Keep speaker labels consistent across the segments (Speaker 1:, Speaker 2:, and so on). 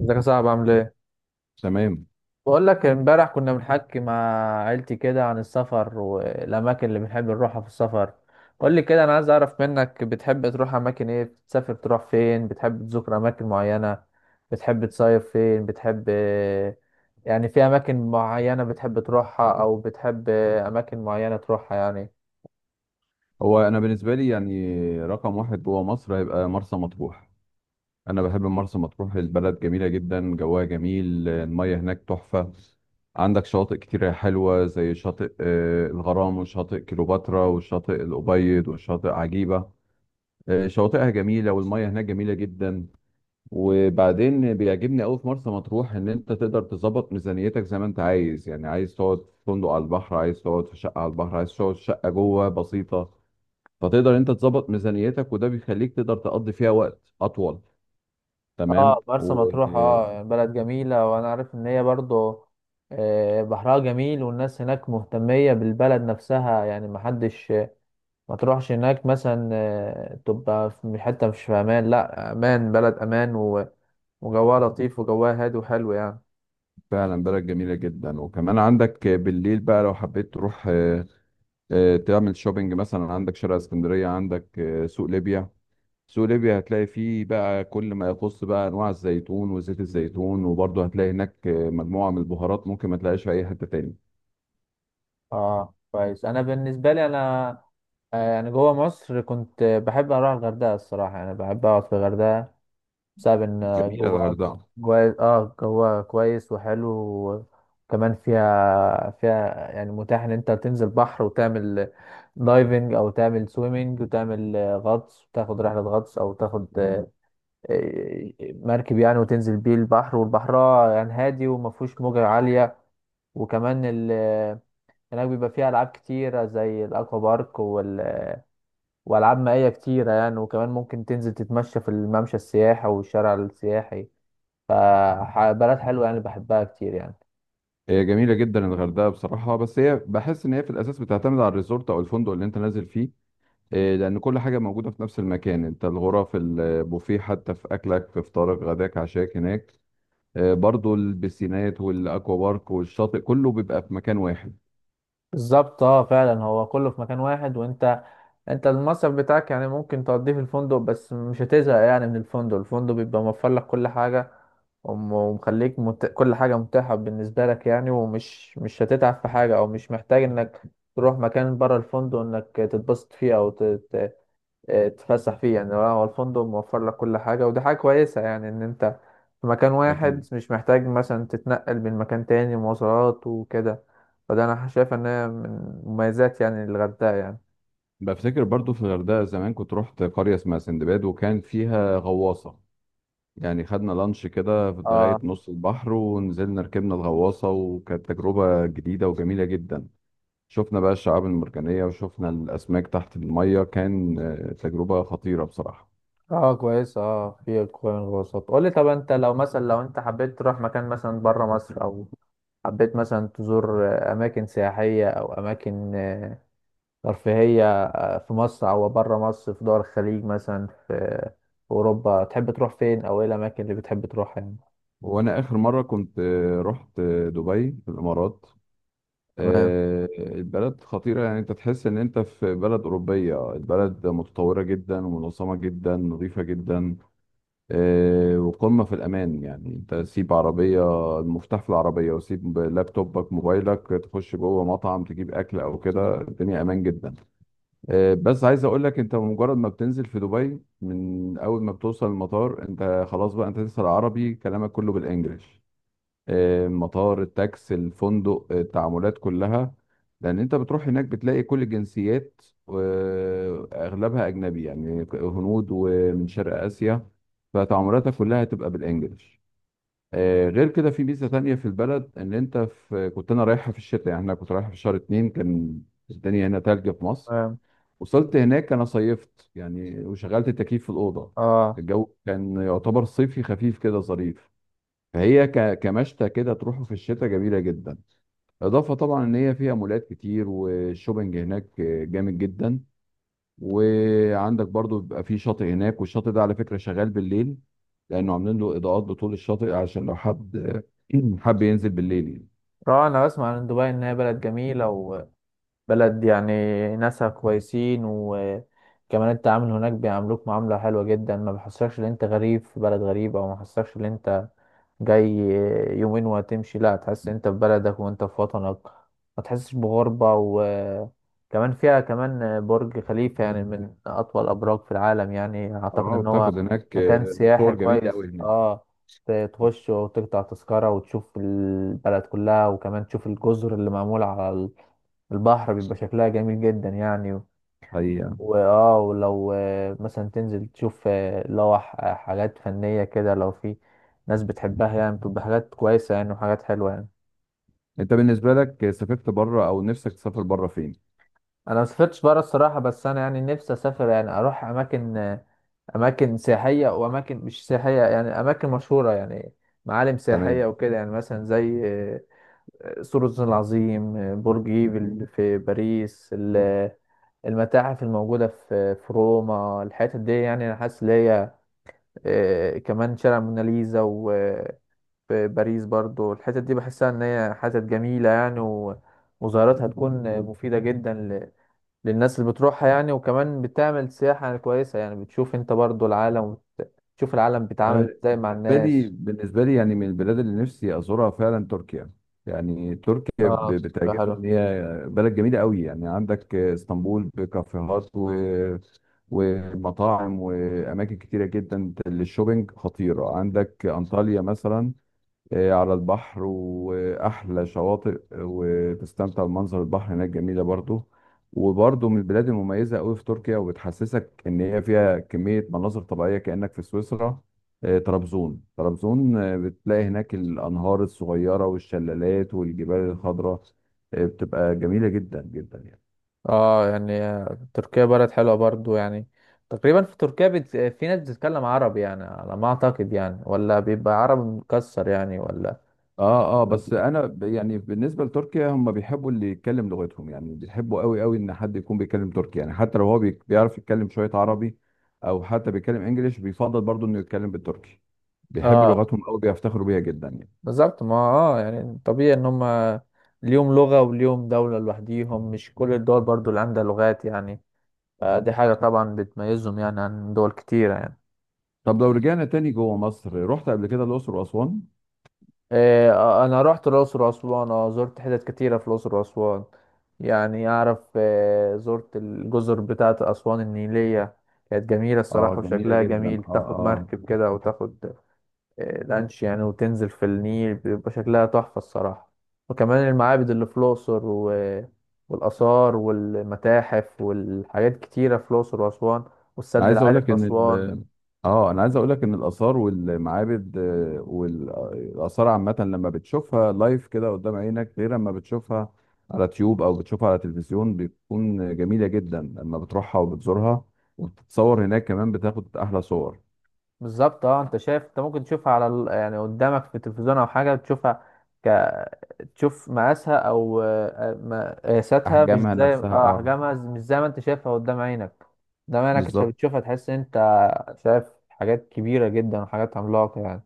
Speaker 1: ازيك يا صاحبي، عامل ايه؟
Speaker 2: تمام.
Speaker 1: بقول لك امبارح كنا بنحكي مع عيلتي كده عن السفر والاماكن اللي بنحب نروحها في السفر. قول لي كده، انا عايز اعرف منك بتحب تروح اماكن ايه؟ بتسافر تروح فين؟ بتحب تزور اماكن معينة؟ بتحب تصيف فين؟ بتحب يعني في اماكن معينة بتحب تروحها او بتحب اماكن معينة تروحها يعني.
Speaker 2: هو انا بالنسبه لي يعني رقم واحد جوه مصر هيبقى مرسى مطروح. انا بحب مرسى مطروح، البلد جميله جدا، جوها جميل، الميه هناك تحفه. عندك شواطئ كتيره حلوه زي شاطئ الغرام، وشاطئ كليوباترا، وشاطئ الابيض، وشاطئ عجيبه. شواطئها جميله والميه هناك جميله جدا. وبعدين بيعجبني قوي في مرسى مطروح ان انت تقدر تظبط ميزانيتك زي ما انت عايز، يعني عايز تقعد في فندق على البحر، عايز تقعد في شقه على البحر، عايز تقعد في شقه جوه بسيطه. فتقدر انت تظبط ميزانيتك، وده بيخليك تقدر تقضي فيها وقت اطول.
Speaker 1: اه،
Speaker 2: تمام
Speaker 1: مرسى مطروح،
Speaker 2: وفعلا.
Speaker 1: اه يعني بلد جميلة، وانا عارف ان هي برضو بحرها جميل، والناس هناك مهتمية بالبلد نفسها، يعني محدش ما تروحش هناك مثلا تبقى في حتة مش في امان. لا، امان، بلد امان وجواها لطيف، وجواها هادي وحلو يعني.
Speaker 2: بلد جميله جدا، وكمان عندك بالليل بقى لو حبيت تروح تعمل شوبينج مثلا. عندك شارع اسكندريه، عندك سوق ليبيا. سوق ليبيا هتلاقي فيه بقى كل ما يخص بقى انواع الزيتون وزيت الزيتون، وبرضه هتلاقي هناك مجموعه من البهارات ممكن ما تلاقيش في اي حته تاني.
Speaker 1: اه كويس، انا بالنسبة لي انا يعني جوه مصر كنت بحب اروح الغردقة الصراحة، يعني بحب اقعد في الغردقة بسبب ان
Speaker 2: جميله
Speaker 1: جواها
Speaker 2: الغردقه.
Speaker 1: جواها كويس وحلو. كمان فيها يعني متاح ان انت تنزل بحر وتعمل دايفنج، او تعمل سويمنج، وتعمل غطس، وتاخد رحلة غطس، او تاخد مركب يعني، وتنزل بيه البحر، والبحر يعني هادي وما فيهوش موجة عالية. وكمان هناك بيبقى فيها العاب كتيرة زي الاكوا بارك والعاب مائية كتيرة يعني، وكمان ممكن تنزل تتمشى في الممشى السياحي والشارع السياحي. فبلد حلوة يعني، بحبها كتير يعني.
Speaker 2: هي جميله جدا الغردقه بصراحه، بس هي بحس ان هي في الاساس بتعتمد على الريزورت او الفندق اللي انت نازل فيه. إيه، لأن كل حاجة موجودة في نفس المكان، أنت الغرف، البوفيه، حتى في أكلك في فطارك غداك عشاك هناك. إيه، برضو البسينات والأكوا بارك والشاطئ كله بيبقى في مكان واحد.
Speaker 1: بالظبط، اه فعلا هو كله في مكان واحد، وانت المصرف بتاعك يعني ممكن تقضيه في الفندق، بس مش هتزهق يعني من الفندق بيبقى موفر لك كل حاجة. ومخليك كل حاجة متاحة بالنسبة لك يعني، ومش مش هتتعب في حاجة، او مش محتاج انك تروح مكان بره الفندق انك تتبسط فيه او تتفسح فيه. يعني هو الفندق موفر لك كل حاجة، ودي حاجة كويسة يعني، إن أنت في مكان واحد
Speaker 2: أكيد.
Speaker 1: مش محتاج مثلا تتنقل من مكان تاني مواصلات وكده. فده أنا شايف إن هي من مميزات يعني الغردقة يعني.
Speaker 2: بفتكر برضو في الغردقة زمان كنت رحت قرية اسمها سندباد، وكان فيها غواصة. يعني خدنا لانش كده لغاية
Speaker 1: اه،
Speaker 2: نص البحر، ونزلنا ركبنا الغواصة، وكانت تجربة جديدة وجميلة جدا. شفنا بقى الشعاب المرجانية وشفنا الأسماك تحت المية، كان تجربة خطيرة بصراحة.
Speaker 1: اه كويس، اه في كوين الوسط. قول لي طب انت لو مثلا لو انت حبيت تروح مكان مثلا بره مصر، او حبيت مثلا تزور اماكن سياحية او اماكن ترفيهية في مصر أو بره مصر، في دول الخليج مثلا، في أوروبا، تحب تروح فين أو إيه الأماكن اللي بتحب تروحها يعني؟
Speaker 2: وانا اخر مره كنت رحت دبي في الامارات.
Speaker 1: تمام،
Speaker 2: البلد خطيره، يعني انت تحس ان انت في بلد اوروبيه، البلد متطوره جدا، ومنظمه جدا، نظيفه جدا. وقمه في الامان، يعني انت سيب عربيه، المفتاح في العربيه، وسيب لابتوبك موبايلك، تخش جوه مطعم تجيب اكل او كده، الدنيا امان جدا. بس عايز اقول لك انت مجرد ما بتنزل في دبي، من اول ما بتوصل المطار، انت خلاص بقى، انت لسه العربي كلامك كله بالانجلش. مطار، التاكس، الفندق، التعاملات كلها. لان انت بتروح هناك بتلاقي كل الجنسيات، واغلبها اجنبي، يعني هنود ومن شرق اسيا، فتعاملاتك كلها هتبقى بالانجلش. غير كده في ميزه تانية في البلد ان انت في كنت انا رايحها في الشتاء، يعني انا كنت رايحها في شهر اتنين، كان الدنيا هنا تلج في مصر.
Speaker 1: تمام،
Speaker 2: وصلت هناك انا صيفت يعني وشغلت التكييف في الاوضه.
Speaker 1: آه،
Speaker 2: الجو كان يعتبر صيفي خفيف كده ظريف. فهي كمشتى كده تروحوا في الشتاء جميله جدا. اضافه طبعا ان هي فيها مولات كتير، والشوبنج هناك جامد جدا. وعندك برضو بيبقى في شاطئ هناك، والشاطئ ده على فكره شغال بالليل، لانه عاملين له اضاءات بطول الشاطئ عشان لو حد حب ينزل بالليل يعني.
Speaker 1: آه، أنا بسمع عن دبي إنها بلد جميلة، وبلد يعني ناسها كويسين، وكمان التعامل هناك بيعاملوك معاملة حلوة جدا، ما بيحسكش إن أنت غريب في بلد غريب، أو ما بيحسكش إن أنت جاي يومين وهتمشي. لا، هتحس انت في بلدك وانت في وطنك، ما تحسش بغربة. وكمان فيها كمان برج خليفة، يعني من أطول الأبراج في العالم، يعني أعتقد
Speaker 2: طبعاً
Speaker 1: إن هو
Speaker 2: بتاخد هناك
Speaker 1: مكان سياحي
Speaker 2: صور جميله
Speaker 1: كويس.
Speaker 2: قوي هناك.
Speaker 1: اه، تخش وتقطع تذكرة وتشوف البلد كلها، وكمان تشوف الجزر اللي معمولة على البحر بيبقى شكلها جميل جدا يعني.
Speaker 2: حقيقه.
Speaker 1: واه، ولو مثلا تنزل تشوف لو حاجات فنية كده، لو في ناس بتحبها يعني بتبقى حاجات كويسة يعني وحاجات حلوة يعني.
Speaker 2: انت بالنسبه لك سافرت بره او نفسك تسافر بره فين؟
Speaker 1: انا ما سافرتش بره الصراحة، بس انا يعني نفسي اسافر يعني اروح اماكن اماكن سياحية واماكن مش سياحية، يعني اماكن مشهورة يعني، معالم سياحية
Speaker 2: تمام.
Speaker 1: وكده يعني، مثلا زي سور الصين العظيم، برج ايفل في باريس، المتاحف الموجودة في روما. الحتت دي يعني انا حاسس ان هي كمان شارع موناليزا وباريس، برضو الحتت دي بحسها ان هي حتت جميلة يعني، وزيارتها تكون مفيدة جدا للناس اللي بتروحها يعني، وكمان بتعمل سياحة كويسة يعني، بتشوف انت برضو العالم، وتشوف العالم
Speaker 2: انا
Speaker 1: بيتعامل ازاي مع
Speaker 2: بالنسبة لي،
Speaker 1: الناس.
Speaker 2: يعني من البلاد اللي نفسي أزورها فعلا تركيا. يعني تركيا
Speaker 1: اه، تبقى
Speaker 2: بتعجبني
Speaker 1: حلو.
Speaker 2: إن هي بلد جميلة قوي، يعني عندك اسطنبول بكافيهات ومطاعم وأماكن كتيرة جدا للشوبينج خطيرة. عندك أنطاليا مثلا على البحر، وأحلى شواطئ، وتستمتع بمنظر البحر هناك، جميلة برضو. وبرضو من البلاد المميزة أوي في تركيا، وبتحسسك إن هي فيها كمية مناظر طبيعية كأنك في سويسرا. طرابزون، طرابزون بتلاقي هناك الأنهار الصغيرة والشلالات والجبال الخضراء. بتبقى جميلة جدا جدا يعني.
Speaker 1: اه يعني تركيا بلد حلوة برضو يعني، تقريبا في تركيا في ناس بتتكلم عربي يعني على ما اعتقد يعني، ولا بيبقى عربي مكسر يعني ولا؟
Speaker 2: اه اه، بس انا يعني بالنسبه لتركيا هم بيحبوا اللي يتكلم لغتهم، يعني بيحبوا قوي قوي ان حد يكون بيتكلم تركي، يعني حتى لو هو بيعرف يتكلم شويه عربي، او حتى بيتكلم انجليش بيفضل برضه انه يتكلم بالتركي. بيحبوا
Speaker 1: اه،
Speaker 2: لغتهم قوي، بيفتخروا بيها جدا يعني.
Speaker 1: بالظبط، ما اه يعني طبيعي ان هم ليهم لغة وليهم دولة لوحديهم، مش كل الدول برضو اللي عندها لغات يعني. فدي حاجة طبعا بتميزهم يعني عن دول كتيرة يعني.
Speaker 2: طب لو رجعنا تاني جوه مصر، رحت قبل كده الاقصر واسوان؟
Speaker 1: إيه، انا رحت الأقصر وأسوان، اه زرت حتت كتيرة في الأقصر وأسوان يعني. اعرف زرت الجزر بتاعة أسوان النيلية، كانت جميلة
Speaker 2: اه
Speaker 1: الصراحة
Speaker 2: جميله
Speaker 1: وشكلها
Speaker 2: جدا،
Speaker 1: جميل،
Speaker 2: اه
Speaker 1: تاخد
Speaker 2: اه.
Speaker 1: مركب كده وتاخد لانش يعني، وتنزل في النيل بيبقى شكلها تحفة الصراحة. وكمان المعابد اللي في الأقصر والآثار والمتاحف والحاجات كتيرة في الأقصر وأسوان،
Speaker 2: انا
Speaker 1: والسد
Speaker 2: عايز اقول
Speaker 1: العالي
Speaker 2: لك
Speaker 1: في أسوان.
Speaker 2: ان اه انا عايز اقول لك ان الاثار والمعابد، والاثار عامه، لما بتشوفها لايف كده قدام عينك غير لما بتشوفها على تيوب او بتشوفها على تلفزيون، بتكون جميله جدا لما بتروحها وبتزورها، وبتتصور هناك، كمان بتاخد احلى صور.
Speaker 1: بالظبط، اه انت شايف انت ممكن تشوفها على يعني قدامك في التلفزيون او حاجة تشوفها ك... تشوف مقاسها او قياساتها، مش
Speaker 2: احجامها
Speaker 1: زي
Speaker 2: نفسها
Speaker 1: اه
Speaker 2: اه.
Speaker 1: احجامها، مش زي ما انت شايفها قدام عينك. قدام عينك انت
Speaker 2: بالظبط.
Speaker 1: بتشوفها تحس انت شايف حاجات كبيرة جدا وحاجات عملاقة يعني.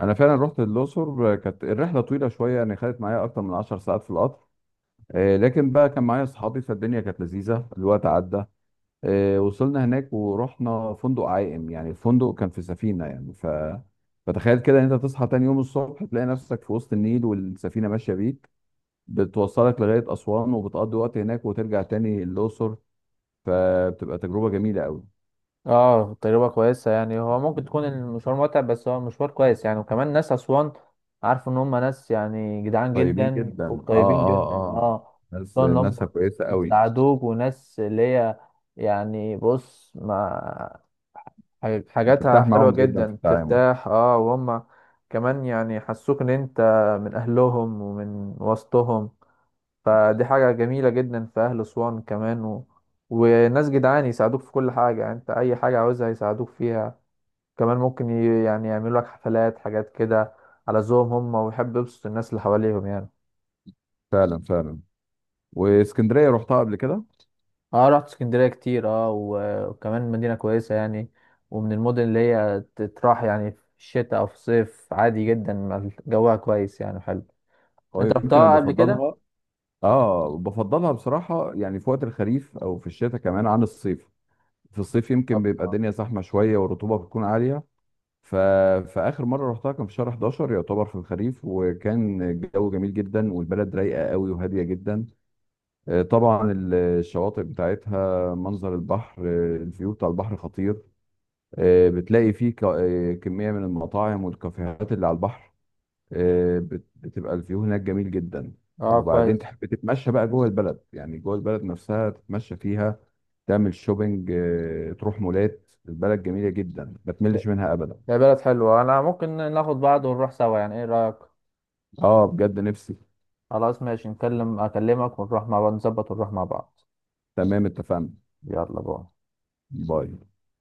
Speaker 2: انا فعلا رحت الاقصر، كانت الرحله طويله شويه، يعني خدت معايا اكتر من 10 ساعات في القطر. لكن بقى كان معايا اصحابي، فالدنيا كانت لذيذه، الوقت عدى. وصلنا هناك ورحنا فندق عائم، يعني الفندق كان في سفينة، يعني. فتخيل كده ان انت تصحى تاني يوم الصبح تلاقي نفسك في وسط النيل، والسفينة ماشية بيك بتوصلك لغاية أسوان، وبتقضي وقت هناك، وترجع تاني الأقصر. فبتبقى تجربة جميلة قوي.
Speaker 1: اه تجربة كويسة يعني، هو ممكن تكون المشوار متعب بس هو مشوار كويس يعني، وكمان ناس أسوان عارف إن هم ناس يعني جدعان
Speaker 2: طيبين
Speaker 1: جدا
Speaker 2: جدا اه
Speaker 1: وطيبين
Speaker 2: اه
Speaker 1: جدا.
Speaker 2: اه.
Speaker 1: اه،
Speaker 2: ناس
Speaker 1: خصوصا إن
Speaker 2: ناسها
Speaker 1: هم
Speaker 2: كويسة قوي.
Speaker 1: بيساعدوك، وناس اللي هي يعني بص ما حاجاتها
Speaker 2: بترتاح
Speaker 1: حلوة
Speaker 2: معاهم جدا في
Speaker 1: جدا
Speaker 2: التعامل.
Speaker 1: ترتاح. اه، وهم كمان يعني حسوك إن أنت من أهلهم ومن وسطهم، فدي حاجة جميلة جدا في أهل أسوان كمان وناس جدعان يساعدوك في كل حاجة يعني، أنت أي حاجة عاوزها يساعدوك فيها، كمان ممكن يعني يعملوا لك حفلات، حاجات كده على ذوقهم هم، ويحب يبسط الناس اللي حواليهم يعني.
Speaker 2: فعلا فعلا. واسكندرية رحتها قبل كده.
Speaker 1: اه رحت اسكندرية كتير، اه وكمان مدينة كويسة يعني، ومن المدن اللي هي تتراح يعني في الشتاء أو في الصيف عادي جدا، ما جوها كويس يعني حلو. أنت
Speaker 2: ويمكن انا
Speaker 1: رحتها قبل كده؟
Speaker 2: بفضلها. اه بفضلها بصراحة، يعني في وقت الخريف او في الشتاء كمان عن الصيف. في الصيف يمكن
Speaker 1: طب
Speaker 2: بيبقى الدنيا زحمة شوية، والرطوبة بتكون عالية. ف... فآخر مرة رحتها كان في شهر 11، يعتبر في الخريف، وكان الجو جميل جدا، والبلد رايقة قوي وهادية جدا. طبعا الشواطئ بتاعتها، منظر البحر، الفيو بتاع البحر خطير. بتلاقي فيه كمية من المطاعم والكافيهات اللي على البحر. بتبقى الفيو هناك جميل جدا.
Speaker 1: اه
Speaker 2: وبعدين
Speaker 1: كويس،
Speaker 2: تحب تتمشى بقى جوه البلد، يعني جوه البلد نفسها تتمشى فيها، تعمل شوبينج، تروح مولات، البلد جميلة جدا ما تملش منها أبدا.
Speaker 1: يا بلد حلوة، أنا ممكن ناخد بعض ونروح سوا يعني، إيه رأيك؟
Speaker 2: اه بجد نفسي.
Speaker 1: خلاص، ماشي، اكلمك ونروح مع بعض، نظبط ونروح مع بعض.
Speaker 2: تمام اتفقنا.
Speaker 1: يلا بقى.
Speaker 2: باي.